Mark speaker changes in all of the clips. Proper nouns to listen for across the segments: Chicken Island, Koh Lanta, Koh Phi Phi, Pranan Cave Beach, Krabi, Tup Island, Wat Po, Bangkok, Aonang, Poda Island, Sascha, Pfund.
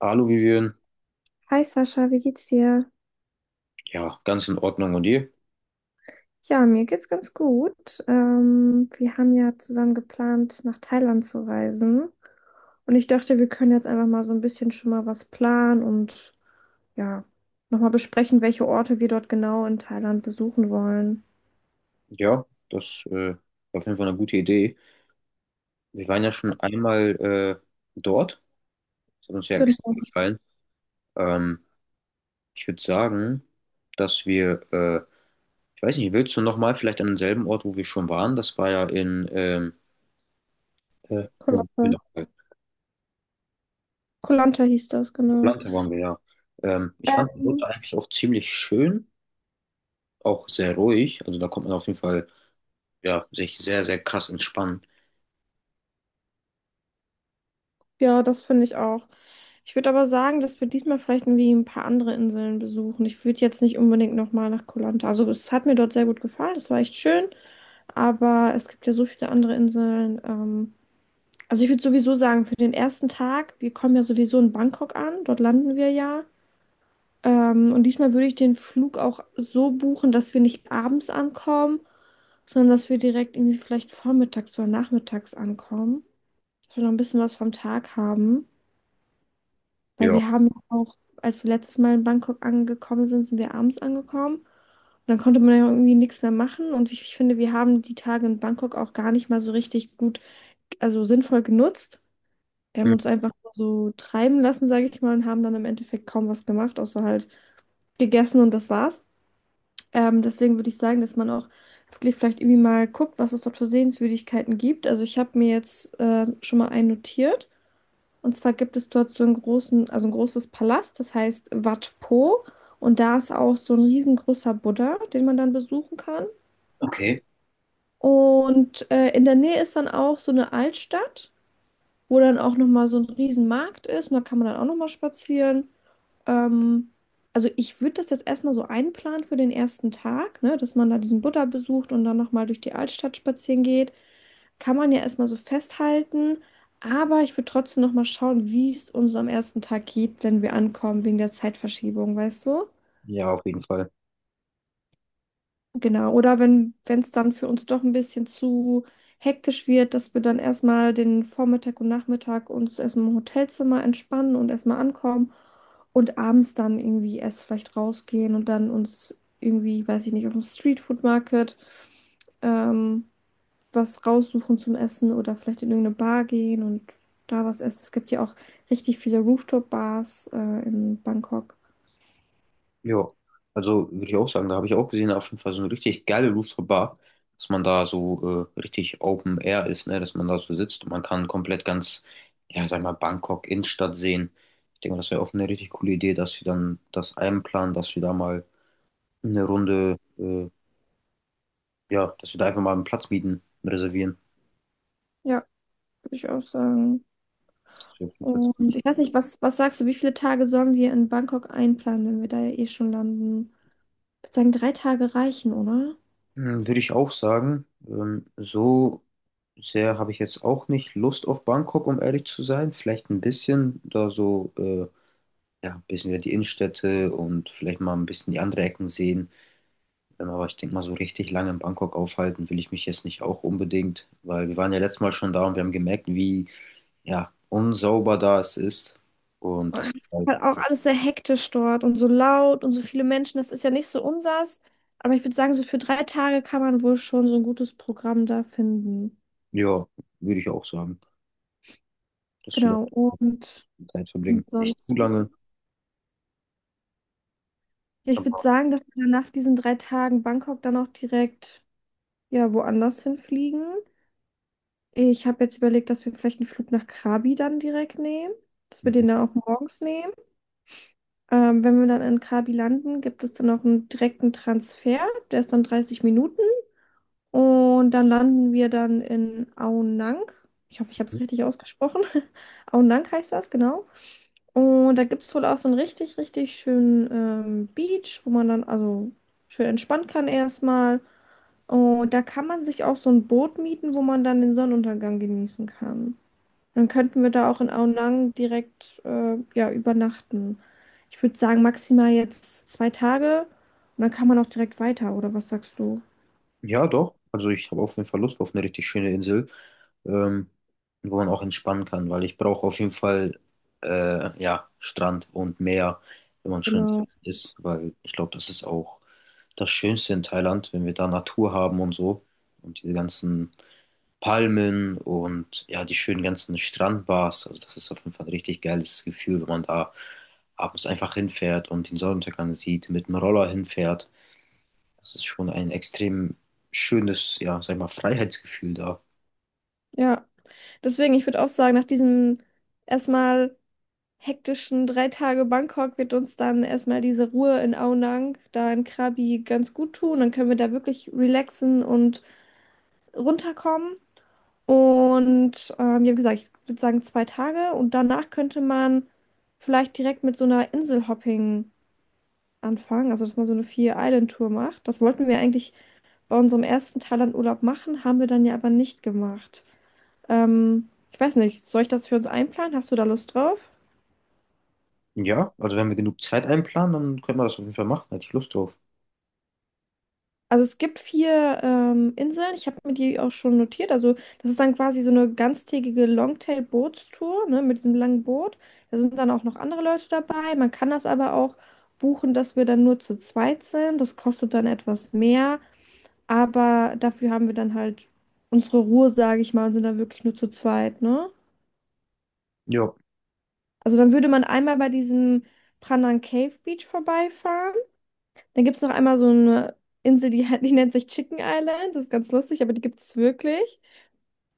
Speaker 1: Alu, Aluvivieren,
Speaker 2: Hi Sascha, wie geht's dir?
Speaker 1: ja, ganz in Ordnung. Und ihr?
Speaker 2: Ja, mir geht's ganz gut. Wir haben ja zusammen geplant, nach Thailand zu reisen. Und ich dachte, wir können jetzt einfach mal so ein bisschen schon mal was planen und ja, nochmal besprechen, welche Orte wir dort genau in Thailand besuchen wollen.
Speaker 1: Ja, das war auf jeden Fall eine gute Idee. Wir waren ja schon einmal dort. Das hat uns ja extrem
Speaker 2: Genau,
Speaker 1: gefallen. Ähm, Ich würde sagen, dass wir, äh, ich weiß nicht, willst du nochmal vielleicht an denselben Ort, wo wir schon waren? Das war ja in,
Speaker 2: Koh
Speaker 1: wo waren wir noch?
Speaker 2: Lanta hieß das, genau.
Speaker 1: Atlanta waren wir ja. Ich fand die
Speaker 2: Ähm,
Speaker 1: Route eigentlich auch ziemlich schön, auch sehr ruhig. Also da kommt man auf jeden Fall, ja, sich sehr, sehr krass entspannen.
Speaker 2: ja, das finde ich auch. Ich würde aber sagen, dass wir diesmal vielleicht irgendwie ein paar andere Inseln besuchen. Ich würde jetzt nicht unbedingt nochmal nach Koh Lanta. Also es hat mir dort sehr gut gefallen, es war echt schön. Aber es gibt ja so viele andere Inseln. Also ich würde sowieso sagen, für den ersten Tag, wir kommen ja sowieso in Bangkok an, dort landen wir ja. Und diesmal würde ich den Flug auch so buchen, dass wir nicht abends ankommen, sondern dass wir direkt irgendwie vielleicht vormittags oder nachmittags ankommen. Dass wir noch ein bisschen was vom Tag haben. Weil
Speaker 1: Ja.
Speaker 2: wir haben ja auch, als wir letztes Mal in Bangkok angekommen sind, sind wir abends angekommen. Und dann konnte man ja irgendwie nichts mehr machen. Und ich finde, wir haben die Tage in Bangkok auch gar nicht mal so richtig gut, also sinnvoll genutzt. Wir haben uns
Speaker 1: Mhm.
Speaker 2: einfach so treiben lassen, sage ich mal, und haben dann im Endeffekt kaum was gemacht, außer halt gegessen und das war's. Deswegen würde ich sagen, dass man auch wirklich vielleicht irgendwie mal guckt, was es dort für Sehenswürdigkeiten gibt. Also ich habe mir jetzt schon mal einen notiert. Und zwar gibt es dort so einen großen, also ein großes Palast, das heißt Wat Po. Und da ist auch so ein riesengroßer Buddha, den man dann besuchen kann.
Speaker 1: Okay.
Speaker 2: Und in der Nähe ist dann auch so eine Altstadt, wo dann auch nochmal so ein Riesenmarkt ist und da kann man dann auch nochmal spazieren. Ähm, also ich würde das jetzt erstmal so einplanen für den ersten Tag, ne, dass man da diesen Buddha besucht und dann nochmal durch die Altstadt spazieren geht. Kann man ja erstmal so festhalten, aber ich würde trotzdem nochmal schauen, wie es uns am ersten Tag geht, wenn wir ankommen, wegen der Zeitverschiebung, weißt du?
Speaker 1: Ja, auf jeden Fall.
Speaker 2: Genau, oder wenn es dann für uns doch ein bisschen zu hektisch wird, dass wir dann erstmal den Vormittag und Nachmittag uns erstmal im Hotelzimmer entspannen und erstmal ankommen und abends dann irgendwie erst vielleicht rausgehen und dann uns irgendwie, weiß ich nicht, auf dem Streetfood Market ähm, was raussuchen zum Essen oder vielleicht in irgendeine Bar gehen und da was essen. Es gibt ja auch richtig viele Rooftop-Bars in Bangkok.
Speaker 1: Ja, also würde ich auch sagen, da habe ich auch gesehen, auf jeden Fall so eine richtig geile Rooftop Bar, dass man da so richtig Open Air ist, ne, dass man da so sitzt und man kann komplett ganz, ja, sag mal, Bangkok Innenstadt sehen. Ich denke mal, das wäre auch eine richtig coole Idee, dass wir dann das einplanen, dass wir da mal eine Runde, äh, ja, dass wir da einfach mal einen Platz mieten, reservieren.
Speaker 2: Ja, würde ich auch sagen.
Speaker 1: Das wäre auf jeden Fall
Speaker 2: Und
Speaker 1: ziemlich.
Speaker 2: ich weiß nicht, was, was sagst du, wie viele Tage sollen wir in Bangkok einplanen, wenn wir da ja eh schon landen? Ich würde sagen, 3 Tage reichen, oder?
Speaker 1: Hm, würde ich auch sagen, so sehr habe ich jetzt auch nicht Lust auf Bangkok, um ehrlich zu sein. Vielleicht ein bisschen da so. Ja, ein bisschen wieder die Innenstädte und vielleicht mal ein bisschen die andere Ecken sehen. Aber ich denke mal, so richtig lange in Bangkok aufhalten will ich mich jetzt nicht auch unbedingt, weil wir waren ja letztes Mal schon da und wir haben gemerkt, wie, ja, unsauber da es ist. Und das ist halt,
Speaker 2: Halt auch alles sehr hektisch dort und so laut und so viele Menschen, das ist ja nicht so unsers. Aber ich würde sagen, so für 3 Tage kann man wohl schon so ein gutes Programm da finden.
Speaker 1: ja, würde ich auch sagen, dass wir
Speaker 2: Genau, und
Speaker 1: da Zeit verbringen. Nicht zu
Speaker 2: ansonsten.
Speaker 1: lange,
Speaker 2: Ja, ich würde
Speaker 1: aber
Speaker 2: sagen, dass wir dann nach diesen 3 Tagen Bangkok dann auch direkt ja woanders hinfliegen. Ich habe jetzt überlegt, dass wir vielleicht einen Flug nach Krabi dann direkt nehmen, dass wir
Speaker 1: mhm.
Speaker 2: den dann auch morgens nehmen. Wenn wir dann in Krabi landen, gibt es dann auch einen direkten Transfer, der ist dann 30 Minuten und dann landen wir dann in Aonang. Ich hoffe, ich habe es richtig ausgesprochen. Aonang heißt das, genau. Und da gibt es wohl auch so einen richtig, richtig schönen Beach, wo man dann also schön entspannen kann erstmal. Und da kann man sich auch so ein Boot mieten, wo man dann den Sonnenuntergang genießen kann. Dann könnten wir da auch in Aonang direkt ja, übernachten. Ich würde sagen, maximal jetzt 2 Tage und dann kann man auch direkt weiter, oder was sagst du?
Speaker 1: Ja, doch. Also ich habe auf jeden Fall Lust auf eine richtig schöne Insel. ähm, Wo man auch entspannen kann, weil ich brauche auf jeden Fall ja, Strand und Meer, wenn man schön
Speaker 2: Genau.
Speaker 1: ist, weil ich glaube, das ist auch das Schönste in Thailand, wenn wir da Natur haben und so und diese ganzen Palmen und ja, die schönen ganzen Strandbars. Also das ist auf jeden Fall ein richtig geiles Gefühl, wenn man da abends einfach hinfährt und den Sonnenuntergang sieht, mit dem Roller hinfährt. Das ist schon ein extrem schönes, ja, sag ich mal, Freiheitsgefühl da.
Speaker 2: Ja, deswegen, ich würde auch sagen, nach diesem erstmal hektischen 3 Tage Bangkok wird uns dann erstmal diese Ruhe in Aonang, da in Krabi, ganz gut tun. Dann können wir da wirklich relaxen und runterkommen. Und ja, wie gesagt, ich würde sagen 2 Tage. Und danach könnte man vielleicht direkt mit so einer Inselhopping anfangen, also dass man so eine Vier-Island-Tour macht. Das wollten wir eigentlich bei unserem ersten Thailand-Urlaub machen, haben wir dann ja aber nicht gemacht. Ich weiß nicht, soll ich das für uns einplanen? Hast du da Lust drauf?
Speaker 1: Ja, also wenn wir genug Zeit einplanen, dann können wir das auf jeden Fall machen. Hätte ich Lust drauf.
Speaker 2: Also es gibt vier Inseln, ich habe mir die auch schon notiert. Also das ist dann quasi so eine ganztägige Longtail-Bootstour, ne, mit diesem langen Boot. Da sind dann auch noch andere Leute dabei. Man kann das aber auch buchen, dass wir dann nur zu zweit sind. Das kostet dann etwas mehr, aber dafür haben wir dann halt unsere Ruhe, sage ich mal, und sind dann wirklich nur zu zweit, ne?
Speaker 1: Ja,
Speaker 2: Also dann würde man einmal bei diesem Pranan Cave Beach vorbeifahren. Dann gibt es noch einmal so eine Insel, die, die nennt sich Chicken Island. Das ist ganz lustig, aber die gibt es wirklich.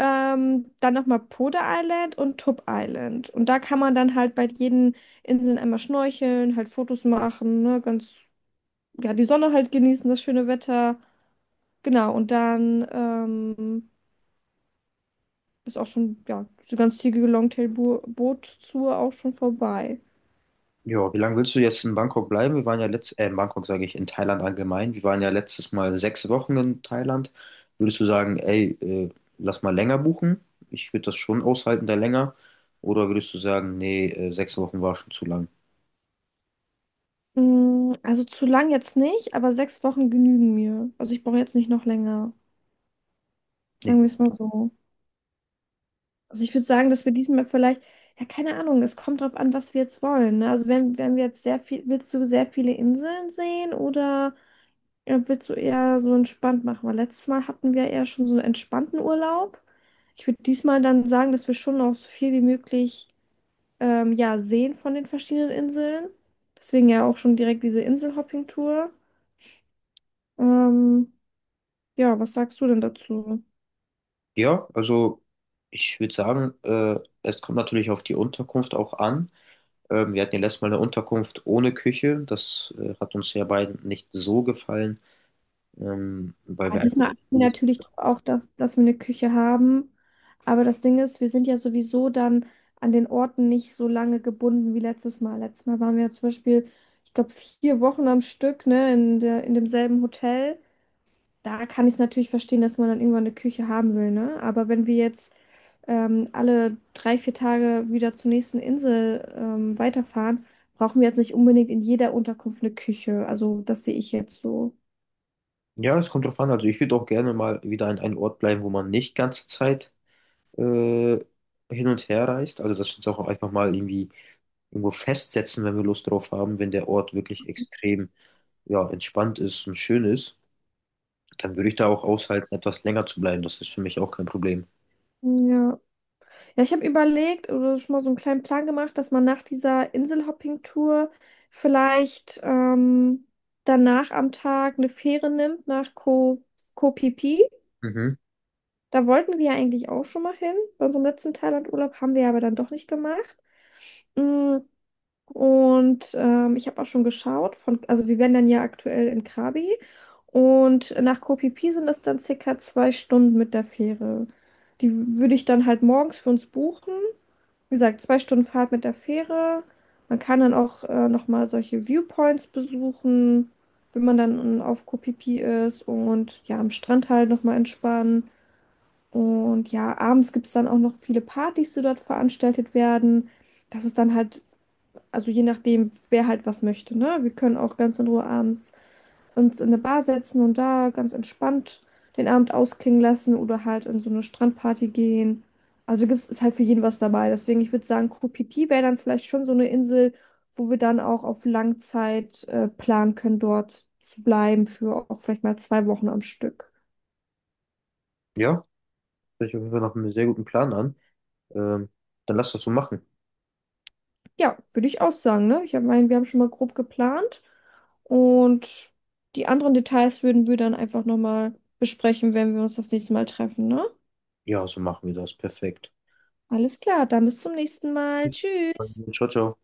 Speaker 2: Dann nochmal Poda Island und Tup Island. Und da kann man dann halt bei jeden Inseln einmal schnorcheln, halt Fotos machen, ne? Ganz, ja, die Sonne halt genießen, das schöne Wetter. Genau, und dann ist auch schon, ja, die ganz zügige Longtail-Boot-Tour auch schon vorbei.
Speaker 1: ja. Wie lange willst du jetzt in Bangkok bleiben? Wir waren ja in Bangkok sage ich, in Thailand allgemein. Wir waren ja letztes Mal 6 Wochen in Thailand. Würdest du sagen, ey, lass mal länger buchen? Ich würde das schon aushalten, da länger. Oder würdest du sagen, nee, 6 Wochen war schon zu lang?
Speaker 2: Mm, also zu lang jetzt nicht, aber 6 Wochen genügen mir. Also ich brauche jetzt nicht noch länger.
Speaker 1: Nee.
Speaker 2: Sagen wir es mal so. Also ich würde sagen, dass wir diesmal vielleicht, ja, keine Ahnung, es kommt drauf an, was wir jetzt wollen. Ne? Also wenn, wenn wir jetzt sehr viel, willst du sehr viele Inseln sehen oder willst du eher so entspannt machen? Weil letztes Mal hatten wir eher schon so einen entspannten Urlaub. Ich würde diesmal dann sagen, dass wir schon noch so viel wie möglich ja, sehen von den verschiedenen Inseln. Deswegen ja auch schon direkt diese Inselhopping-Tour. Ähm, ja, was sagst du denn dazu?
Speaker 1: Ja, also ich würde sagen, es kommt natürlich auf die Unterkunft auch an. Wir hatten ja letztes Mal eine Unterkunft ohne Küche. Das hat uns ja beiden nicht so gefallen, weil
Speaker 2: Ja,
Speaker 1: wir einfach.
Speaker 2: diesmal achten wir natürlich auch, dass wir eine Küche haben. Aber das Ding ist, wir sind ja sowieso dann an den Orten nicht so lange gebunden wie letztes Mal. Letztes Mal waren wir ja zum Beispiel, ich glaube, 4 Wochen am Stück, ne, in der, in demselben Hotel. Da kann ich es natürlich verstehen, dass man dann irgendwann eine Küche haben will, ne? Aber wenn wir jetzt alle 3, 4 Tage wieder zur nächsten Insel weiterfahren, brauchen wir jetzt nicht unbedingt in jeder Unterkunft eine Küche. Also das sehe ich jetzt so.
Speaker 1: Ja, es kommt drauf an. Also ich würde auch gerne mal wieder an einem Ort bleiben, wo man nicht ganze Zeit äh, hin und her reist. Also dass wir uns auch einfach mal irgendwie irgendwo festsetzen, wenn wir Lust drauf haben, wenn der Ort wirklich extrem ja, entspannt ist und schön ist, dann würde ich da auch aushalten, etwas länger zu bleiben. Das ist für mich auch kein Problem.
Speaker 2: Ja. Ja, ich habe überlegt oder schon mal so einen kleinen Plan gemacht, dass man nach dieser Inselhopping-Tour vielleicht danach am Tag eine Fähre nimmt nach Ko Koh Phi Phi.
Speaker 1: Mhm.
Speaker 2: Da wollten wir ja eigentlich auch schon mal hin. Bei unserem letzten Thailand-Urlaub haben wir aber dann doch nicht gemacht. Mm, und ich habe auch schon geschaut, von, also wir wären dann ja aktuell in Krabi und nach Koh Phi Phi sind es dann circa 2 Stunden mit der Fähre. Die würde ich dann halt morgens für uns buchen, wie gesagt, 2 Stunden Fahrt mit der Fähre. Man kann dann auch nochmal solche Viewpoints besuchen, wenn man dann auf Koh Phi Phi ist und ja, am Strand halt nochmal entspannen. Und ja, abends gibt es dann auch noch viele Partys, die dort veranstaltet werden. Das ist dann halt, also je nachdem, wer halt was möchte, ne? Wir können auch ganz in Ruhe abends uns in eine Bar setzen und da ganz entspannt den Abend ausklingen lassen oder halt in so eine Strandparty gehen. Also gibt's, ist halt für jeden was dabei. Deswegen, ich würde sagen, Koh Phi Phi wäre dann vielleicht schon so eine Insel, wo wir dann auch auf Langzeit planen können, dort zu bleiben für auch vielleicht mal 2 Wochen am Stück.
Speaker 1: Ja, hört sich auf jeden Fall nach einem sehr guten Plan an. Ähm, Dann lass das so machen.
Speaker 2: Ja, würde ich auch sagen, ne? Meine, wir haben schon mal grob geplant und die anderen Details würden wir dann einfach nochmal besprechen, wenn wir uns das nächste Mal treffen, ne?
Speaker 1: Ja, so machen wir das. Perfekt.
Speaker 2: Alles klar, dann bis zum nächsten Mal. Tschüss.
Speaker 1: Ciao, ciao.